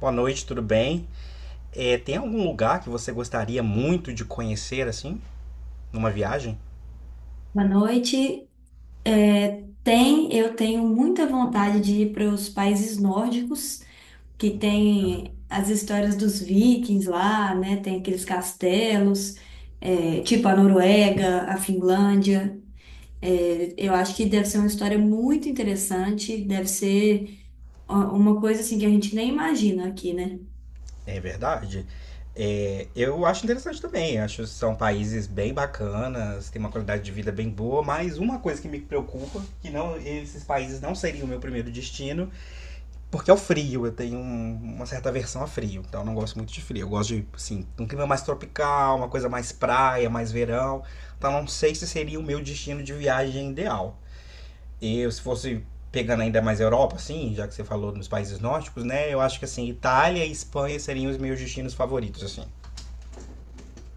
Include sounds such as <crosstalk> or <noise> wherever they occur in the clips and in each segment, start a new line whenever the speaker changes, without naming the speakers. Boa noite, tudo bem? Tem algum lugar que você gostaria muito de conhecer, assim, numa viagem?
Boa noite. Eu tenho muita vontade de ir para os países nórdicos, que
Ana?
tem as histórias dos vikings lá, né? Tem aqueles castelos, tipo a Noruega, a Finlândia. Eu acho que deve ser uma história muito interessante, deve ser ó, uma coisa assim que a gente nem imagina aqui, né?
É verdade. Eu acho interessante também. Acho que são países bem bacanas, tem uma qualidade de vida bem boa, mas uma coisa que me preocupa, que não, esses países não seriam o meu primeiro destino, porque é o frio. Eu tenho uma certa aversão a frio, então eu não gosto muito de frio. Eu gosto de, assim, um clima mais tropical, uma coisa mais praia, mais verão. Então não sei se seria o meu destino de viagem ideal. E eu, se fosse pegando ainda mais a Europa, assim, já que você falou nos países nórdicos, né? Eu acho que assim, Itália e Espanha seriam os meus destinos favoritos, assim.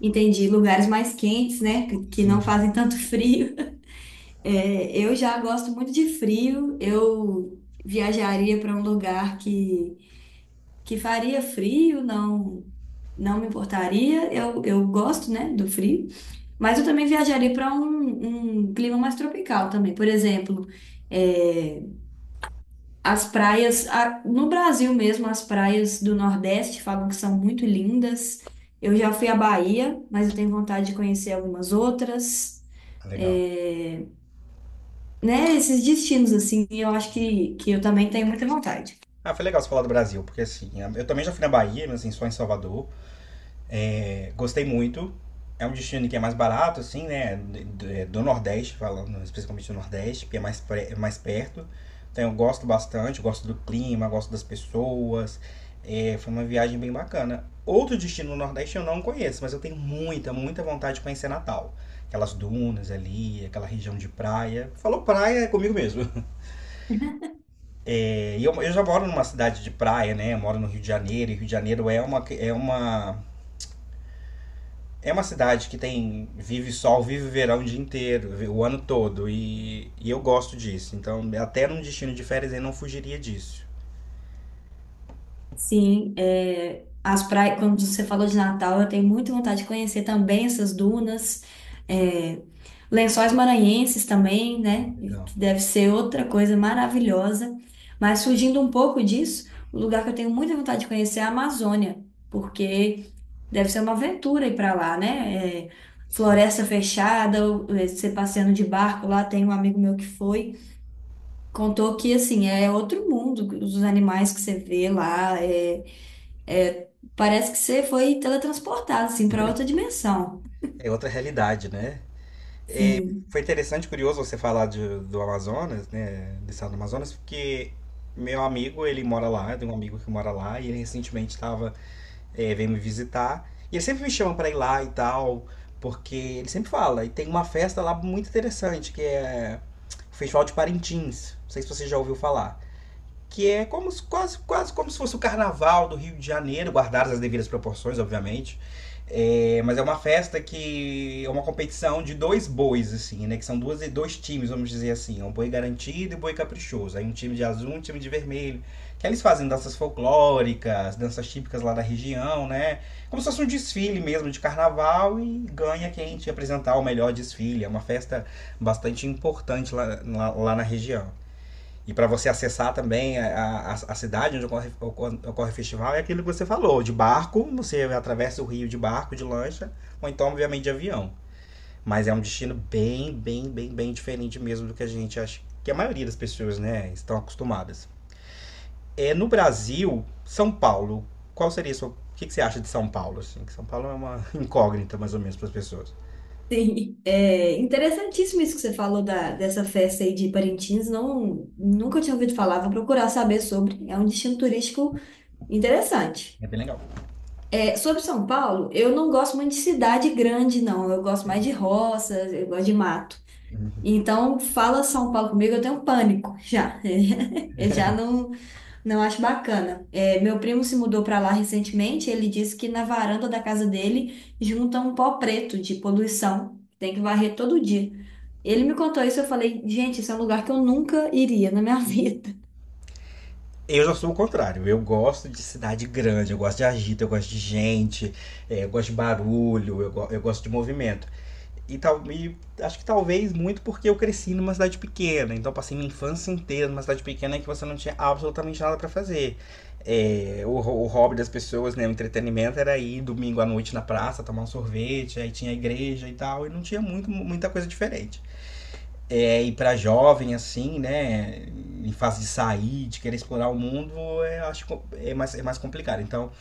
Entendi, lugares mais quentes, né? Que não
Sim.
fazem tanto <laughs> frio. É, eu já gosto muito de frio. Eu viajaria para um lugar que faria frio, não, não me importaria. Eu gosto, né, do frio. Mas eu também viajaria para um clima mais tropical também. Por exemplo, é, as praias, no Brasil mesmo, as praias do Nordeste falam que são muito lindas. Eu já fui à Bahia, mas eu tenho vontade de conhecer algumas outras.
Legal.
É, né, esses destinos, assim, eu acho que eu também tenho muita vontade.
Ah, foi legal você falar do Brasil, porque assim, eu também já fui na Bahia, mas assim, só em Salvador. É, gostei muito. É um destino que é mais barato, assim, né? Do Nordeste, falando especificamente do Nordeste, que é mais, é mais perto. Então eu gosto bastante, gosto do clima, gosto das pessoas. É, foi uma viagem bem bacana. Outro destino no Nordeste eu não conheço, mas eu tenho muita vontade de conhecer Natal. Aquelas dunas ali, aquela região de praia. Falou praia, é comigo mesmo. <laughs> E eu, já moro numa cidade de praia, né? Eu moro no Rio de Janeiro, e Rio de Janeiro é uma é uma cidade que tem vive sol, vive verão o dia inteiro, o ano todo. E eu gosto disso. Então, até num destino de férias, eu não fugiria disso.
Sim, é, as praias, quando você falou de Natal, eu tenho muita vontade de conhecer também essas dunas, é, Lençóis Maranhenses também, né,
Legal.
que deve ser outra coisa maravilhosa. Mas fugindo um pouco disso, o lugar que eu tenho muita vontade de conhecer é a Amazônia, porque deve ser uma aventura ir para lá, né? É,
Sim.
floresta fechada, você passeando de barco lá, tem um amigo meu que foi. Contou que, assim, é outro mundo, os animais que você vê lá, é- parece que você foi teletransportado, assim, para outra dimensão.
É outra realidade, né? É,
Sim,
foi interessante, curioso você falar do Amazonas, né? Do estado do Amazonas, porque meu amigo, ele mora lá, tem um amigo que mora lá, e ele recentemente estava é, vem me visitar. E ele sempre me chama pra ir lá e tal, porque ele sempre fala. E tem uma festa lá muito interessante, que é o Festival de Parintins. Não sei se você já ouviu falar que é como quase como se fosse o carnaval do Rio de Janeiro, guardadas as devidas proporções, obviamente. É, mas é uma festa que é uma competição de dois bois, assim, né? Que são duas, dois times, vamos dizer assim. É um boi garantido e um boi caprichoso. Aí um time de azul, e um time de vermelho. Que eles fazem danças folclóricas, danças típicas lá da região, né? Como se fosse um desfile mesmo de carnaval e ganha quem te apresentar o melhor desfile. É uma festa bastante importante lá na região. E para você acessar também a cidade onde ocorre, o festival, é aquilo que você falou: de barco, você atravessa o rio de barco, de lancha, ou então, obviamente, de avião. Mas é um destino bem diferente mesmo do que a gente acha que a maioria das pessoas né, estão acostumadas. É, no Brasil, São Paulo, qual seria a sua. O que, que você acha de São Paulo? Assim? São Paulo é uma <laughs> incógnita, mais ou menos, para as pessoas.
<laughs> sim. É interessantíssimo isso que você falou dessa festa aí de Parintins, não, nunca tinha ouvido falar, vou procurar saber sobre, é um destino turístico interessante.
É bem legal.
É, sobre São Paulo, eu não gosto muito de cidade grande, não, eu gosto mais de roças, eu gosto de mato. Então, fala São Paulo comigo, eu tenho um pânico já. <laughs> Eu já não, não acho bacana. É, meu primo se mudou para lá recentemente, ele disse que na varanda da casa dele junta um pó preto de poluição, tem que varrer todo dia. Ele me contou isso, eu falei, gente, esse é um lugar que eu nunca iria na minha <laughs> vida.
Eu já sou o contrário. Eu gosto de cidade grande, eu gosto de agito, eu gosto de gente, eu gosto de barulho, eu gosto de movimento. E, tal, e acho que talvez muito porque eu cresci numa cidade pequena, então passei minha infância inteira numa cidade pequena que você não tinha absolutamente nada pra fazer. O hobby das pessoas, né, o entretenimento era ir domingo à noite na praça, tomar um sorvete, aí tinha a igreja e tal, e não tinha muita coisa diferente é, e para jovem, assim, né, em fase de sair, de querer explorar o mundo, eu acho é mais complicado. Então,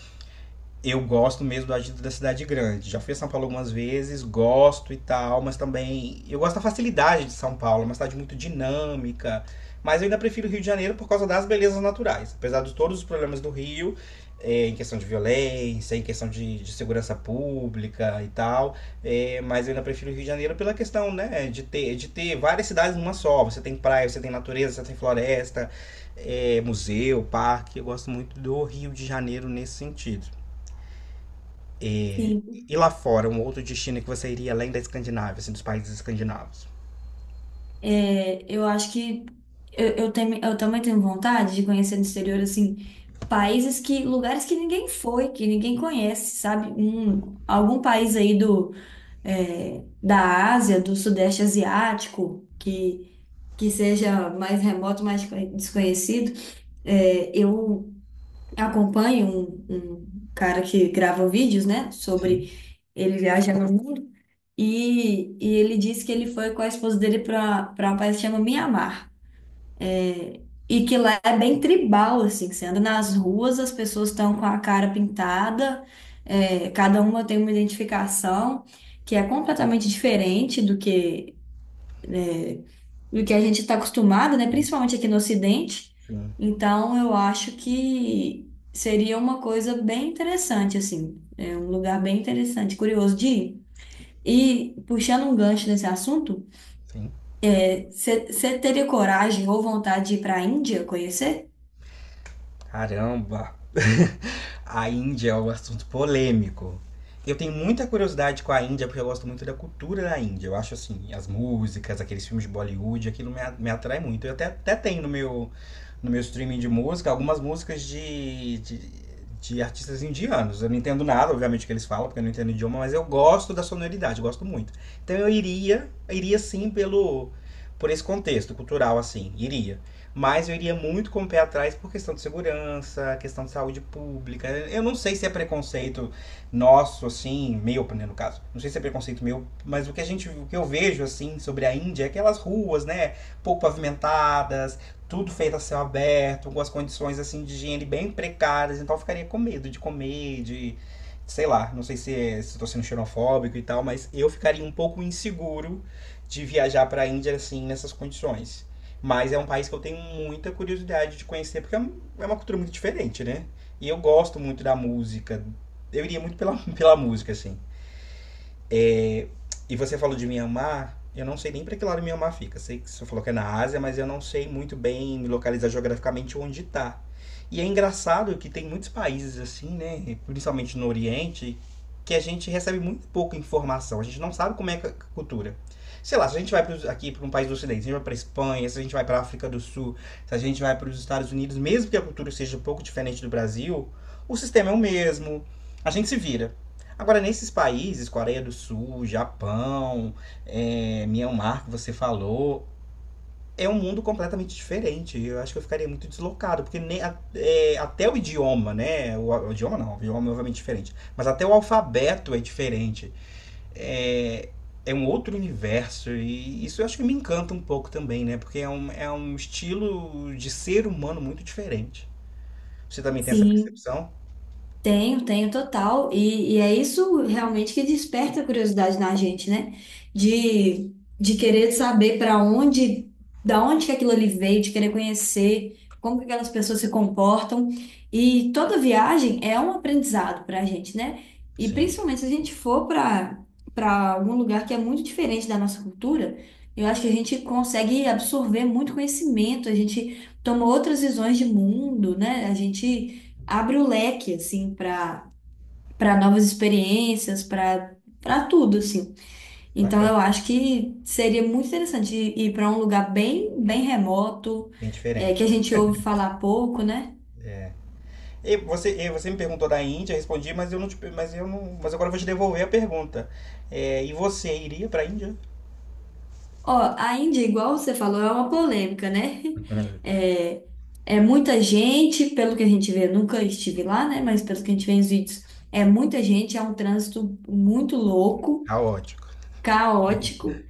eu gosto mesmo do agito da cidade grande. Já fui a São Paulo algumas vezes, gosto e tal, mas também eu gosto da facilidade de São Paulo, é uma cidade muito dinâmica. Mas eu ainda prefiro o Rio de Janeiro por causa das belezas naturais. Apesar de todos os problemas do Rio, é, em questão de violência, em questão de segurança pública e tal. É, mas eu ainda prefiro o Rio de Janeiro pela questão, né, de ter várias cidades numa só. Você tem praia, você tem natureza, você tem floresta, é, museu, parque. Eu gosto muito do Rio de Janeiro nesse sentido.
Sim,
E lá fora, um outro destino que você iria além da Escandinávia, assim, dos países escandinavos?
é, eu acho que eu também tenho vontade de conhecer no exterior, assim, lugares que ninguém foi, que ninguém conhece, sabe? Algum país aí do da Ásia, do Sudeste Asiático, que seja mais remoto, mais desconhecido. É, eu acompanho um cara que grava vídeos, né,
Sim.
sobre ele viaja no mundo, e ele disse que ele foi com a esposa dele para um país que chama Mianmar. E que lá é bem tribal, assim, que você anda nas ruas, as pessoas estão com a cara pintada, é, cada uma tem uma identificação que é completamente diferente do do que a gente está acostumado, né? Principalmente aqui no Ocidente.
Sim,
Então, eu acho que seria uma coisa bem interessante, assim, é um lugar bem interessante, curioso de ir. E puxando um gancho nesse assunto,
sim.
é, você teria coragem ou vontade de ir para a Índia conhecer?
Caramba! <laughs> A Índia é um assunto polêmico. Eu tenho muita curiosidade com a Índia porque eu gosto muito da cultura da Índia. Eu acho assim, as músicas, aqueles filmes de Bollywood, aquilo me atrai muito. Até tenho no meu, no meu streaming de música algumas músicas de artistas indianos. Eu não entendo nada, obviamente, que eles falam, porque eu não entendo o idioma, mas eu gosto da sonoridade, gosto muito. Então eu iria sim pelo, por esse contexto cultural, assim, iria. Mas eu iria muito com o pé atrás por questão de segurança, questão de saúde pública. Eu não sei se é preconceito nosso, assim, meu, né, no caso. Não sei se é preconceito meu, mas o que a gente, o que eu vejo, assim, sobre a Índia é aquelas ruas, né, pouco pavimentadas, tudo feito a céu aberto, com as condições, assim, de higiene bem precárias. Então eu ficaria com medo de comer, de... Sei lá, não sei se é, se estou sendo xenofóbico e tal, mas eu ficaria um pouco inseguro de viajar para a Índia assim nessas condições. Mas é um país que eu tenho muita curiosidade de conhecer, porque é é uma cultura muito diferente, né? E eu gosto muito da música. Eu iria muito pela, <laughs> pela música, assim. É, e você falou de Mianmar, eu não sei nem para que lado Mianmar fica. Sei que você falou que é na Ásia, mas eu não sei muito bem me localizar geograficamente onde está. E é engraçado que tem muitos países assim, né, principalmente no Oriente, que a gente recebe muito pouca informação. A gente não sabe como é a cultura. Sei lá, se a gente vai pros, aqui para um país do Ocidente, se a gente vai para Espanha, se a gente vai para a África do Sul, se a gente vai para os Estados Unidos, mesmo que a cultura seja um pouco diferente do Brasil, o sistema é o mesmo. A gente se vira. Agora, nesses países, Coreia do Sul, Japão, é, Myanmar, que você falou, é um mundo completamente diferente. Eu acho que eu ficaria muito deslocado, porque nem, é, até o idioma, né? O idioma não, o idioma é obviamente diferente. Mas até o alfabeto é diferente. É, é um outro universo. E isso eu acho que me encanta um pouco também, né? Porque é é um estilo de ser humano muito diferente. Você também tem essa
Sim,
percepção?
tenho, tenho total. E é isso realmente que desperta a curiosidade na gente, né? De querer saber para onde, da onde que aquilo ali veio, de querer conhecer como que aquelas pessoas se comportam. E toda viagem é um aprendizado para a gente, né? E
Sim.
principalmente se a gente for para algum lugar que é muito diferente da nossa cultura, eu acho que a gente consegue absorver muito conhecimento, a gente toma outras visões de mundo, né? A gente abre o leque, assim, para novas experiências, para tudo, assim. Então,
Bacana,
eu acho que seria muito interessante ir, ir para um lugar bem, bem remoto,
bem
é, que
diferente.
a gente ouve falar pouco, né?
E você me perguntou da Índia, respondi, mas eu não te, mas eu não, mas agora eu vou te devolver a pergunta. É, e você iria para a Índia?
Ó, a Índia, igual você falou, é uma polêmica, né? <laughs>
<laughs>
É, é muita gente, pelo que a gente vê, nunca estive lá, né? Mas pelo que a gente vê nos vídeos, é muita gente, é um trânsito muito louco,
Caótico.
caótico.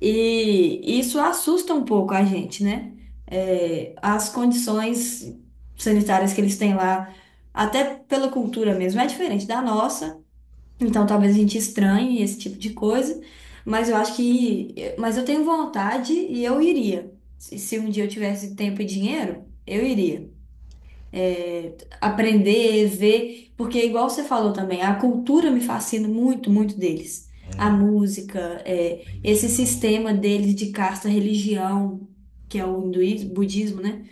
E isso assusta um pouco a gente, né? É, as condições sanitárias que eles têm lá, até pela cultura mesmo, é diferente da nossa. Então talvez a gente estranhe esse tipo de coisa, mas eu acho que, mas eu tenho vontade e eu iria. Se um dia eu tivesse tempo e dinheiro, eu iria aprender, ver, porque igual você falou também, a cultura me fascina muito, muito deles. A
É,
música, é, esse
religião.
sistema deles de casta, religião, que é o hinduísmo, budismo, né?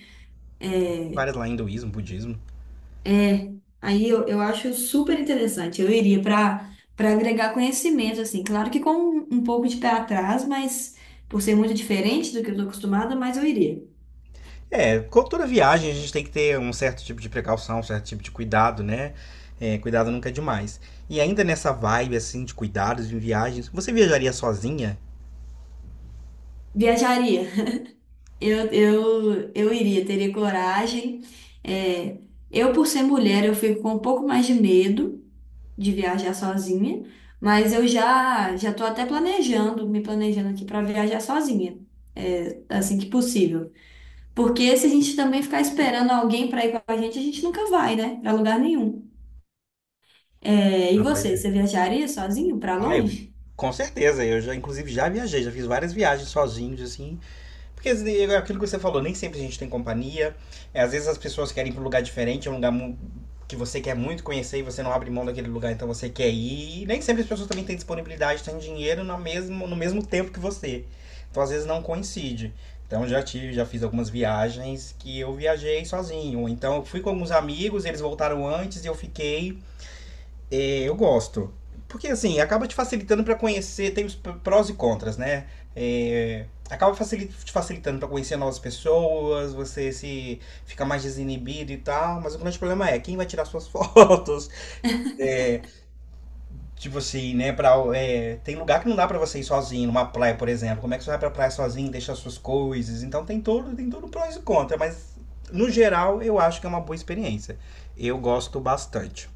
Várias lá, hinduísmo, budismo.
Aí eu acho super interessante. Eu iria para agregar conhecimento, assim, claro que com um pouco de pé atrás, mas por ser muito diferente do que eu estou acostumada, mas eu iria.
É, com toda viagem a gente tem que ter um certo tipo de precaução, um certo tipo de cuidado, né? É, cuidado nunca é demais. E ainda nessa vibe, assim, de cuidados em viagens, você viajaria sozinha?
Viajaria. Eu iria, teria coragem. É, eu, por ser mulher, eu fico com um pouco mais de medo de viajar sozinha, mas eu já estou até planejando, me planejando aqui para viajar sozinha, é, assim que possível. Porque se a gente também ficar esperando alguém para ir com a gente nunca vai, né? Para lugar nenhum. É, e
Ah, pois é.
você viajaria sozinho para
Ah, eu, vi-
longe?
com certeza. Eu já, inclusive, já viajei, já fiz várias viagens sozinhos, assim, porque é aquilo que você falou, nem sempre a gente tem companhia. É, às vezes as pessoas querem ir para um lugar diferente, é um lugar que você quer muito conhecer e você não abre mão daquele lugar, então você quer ir. E nem sempre as pessoas também têm disponibilidade, têm dinheiro no mesmo tempo que você. Então às vezes não coincide. Então já tive, já fiz algumas viagens que eu viajei sozinho. Então eu fui com alguns amigos, eles voltaram antes e eu fiquei é, eu gosto. Porque assim, acaba te facilitando para conhecer, tem os prós e contras, né? É, te facilitando para conhecer novas pessoas, você se fica mais desinibido e tal, mas o grande problema é quem vai tirar suas <laughs> fotos. Tipo assim, né, pra, é, tem lugar que não dá para você ir sozinho, numa praia, por exemplo. Como é que você vai pra praia sozinho, e deixa suas coisas? Então tem tudo prós e contras, mas no geral eu acho que é uma boa experiência. Eu gosto bastante.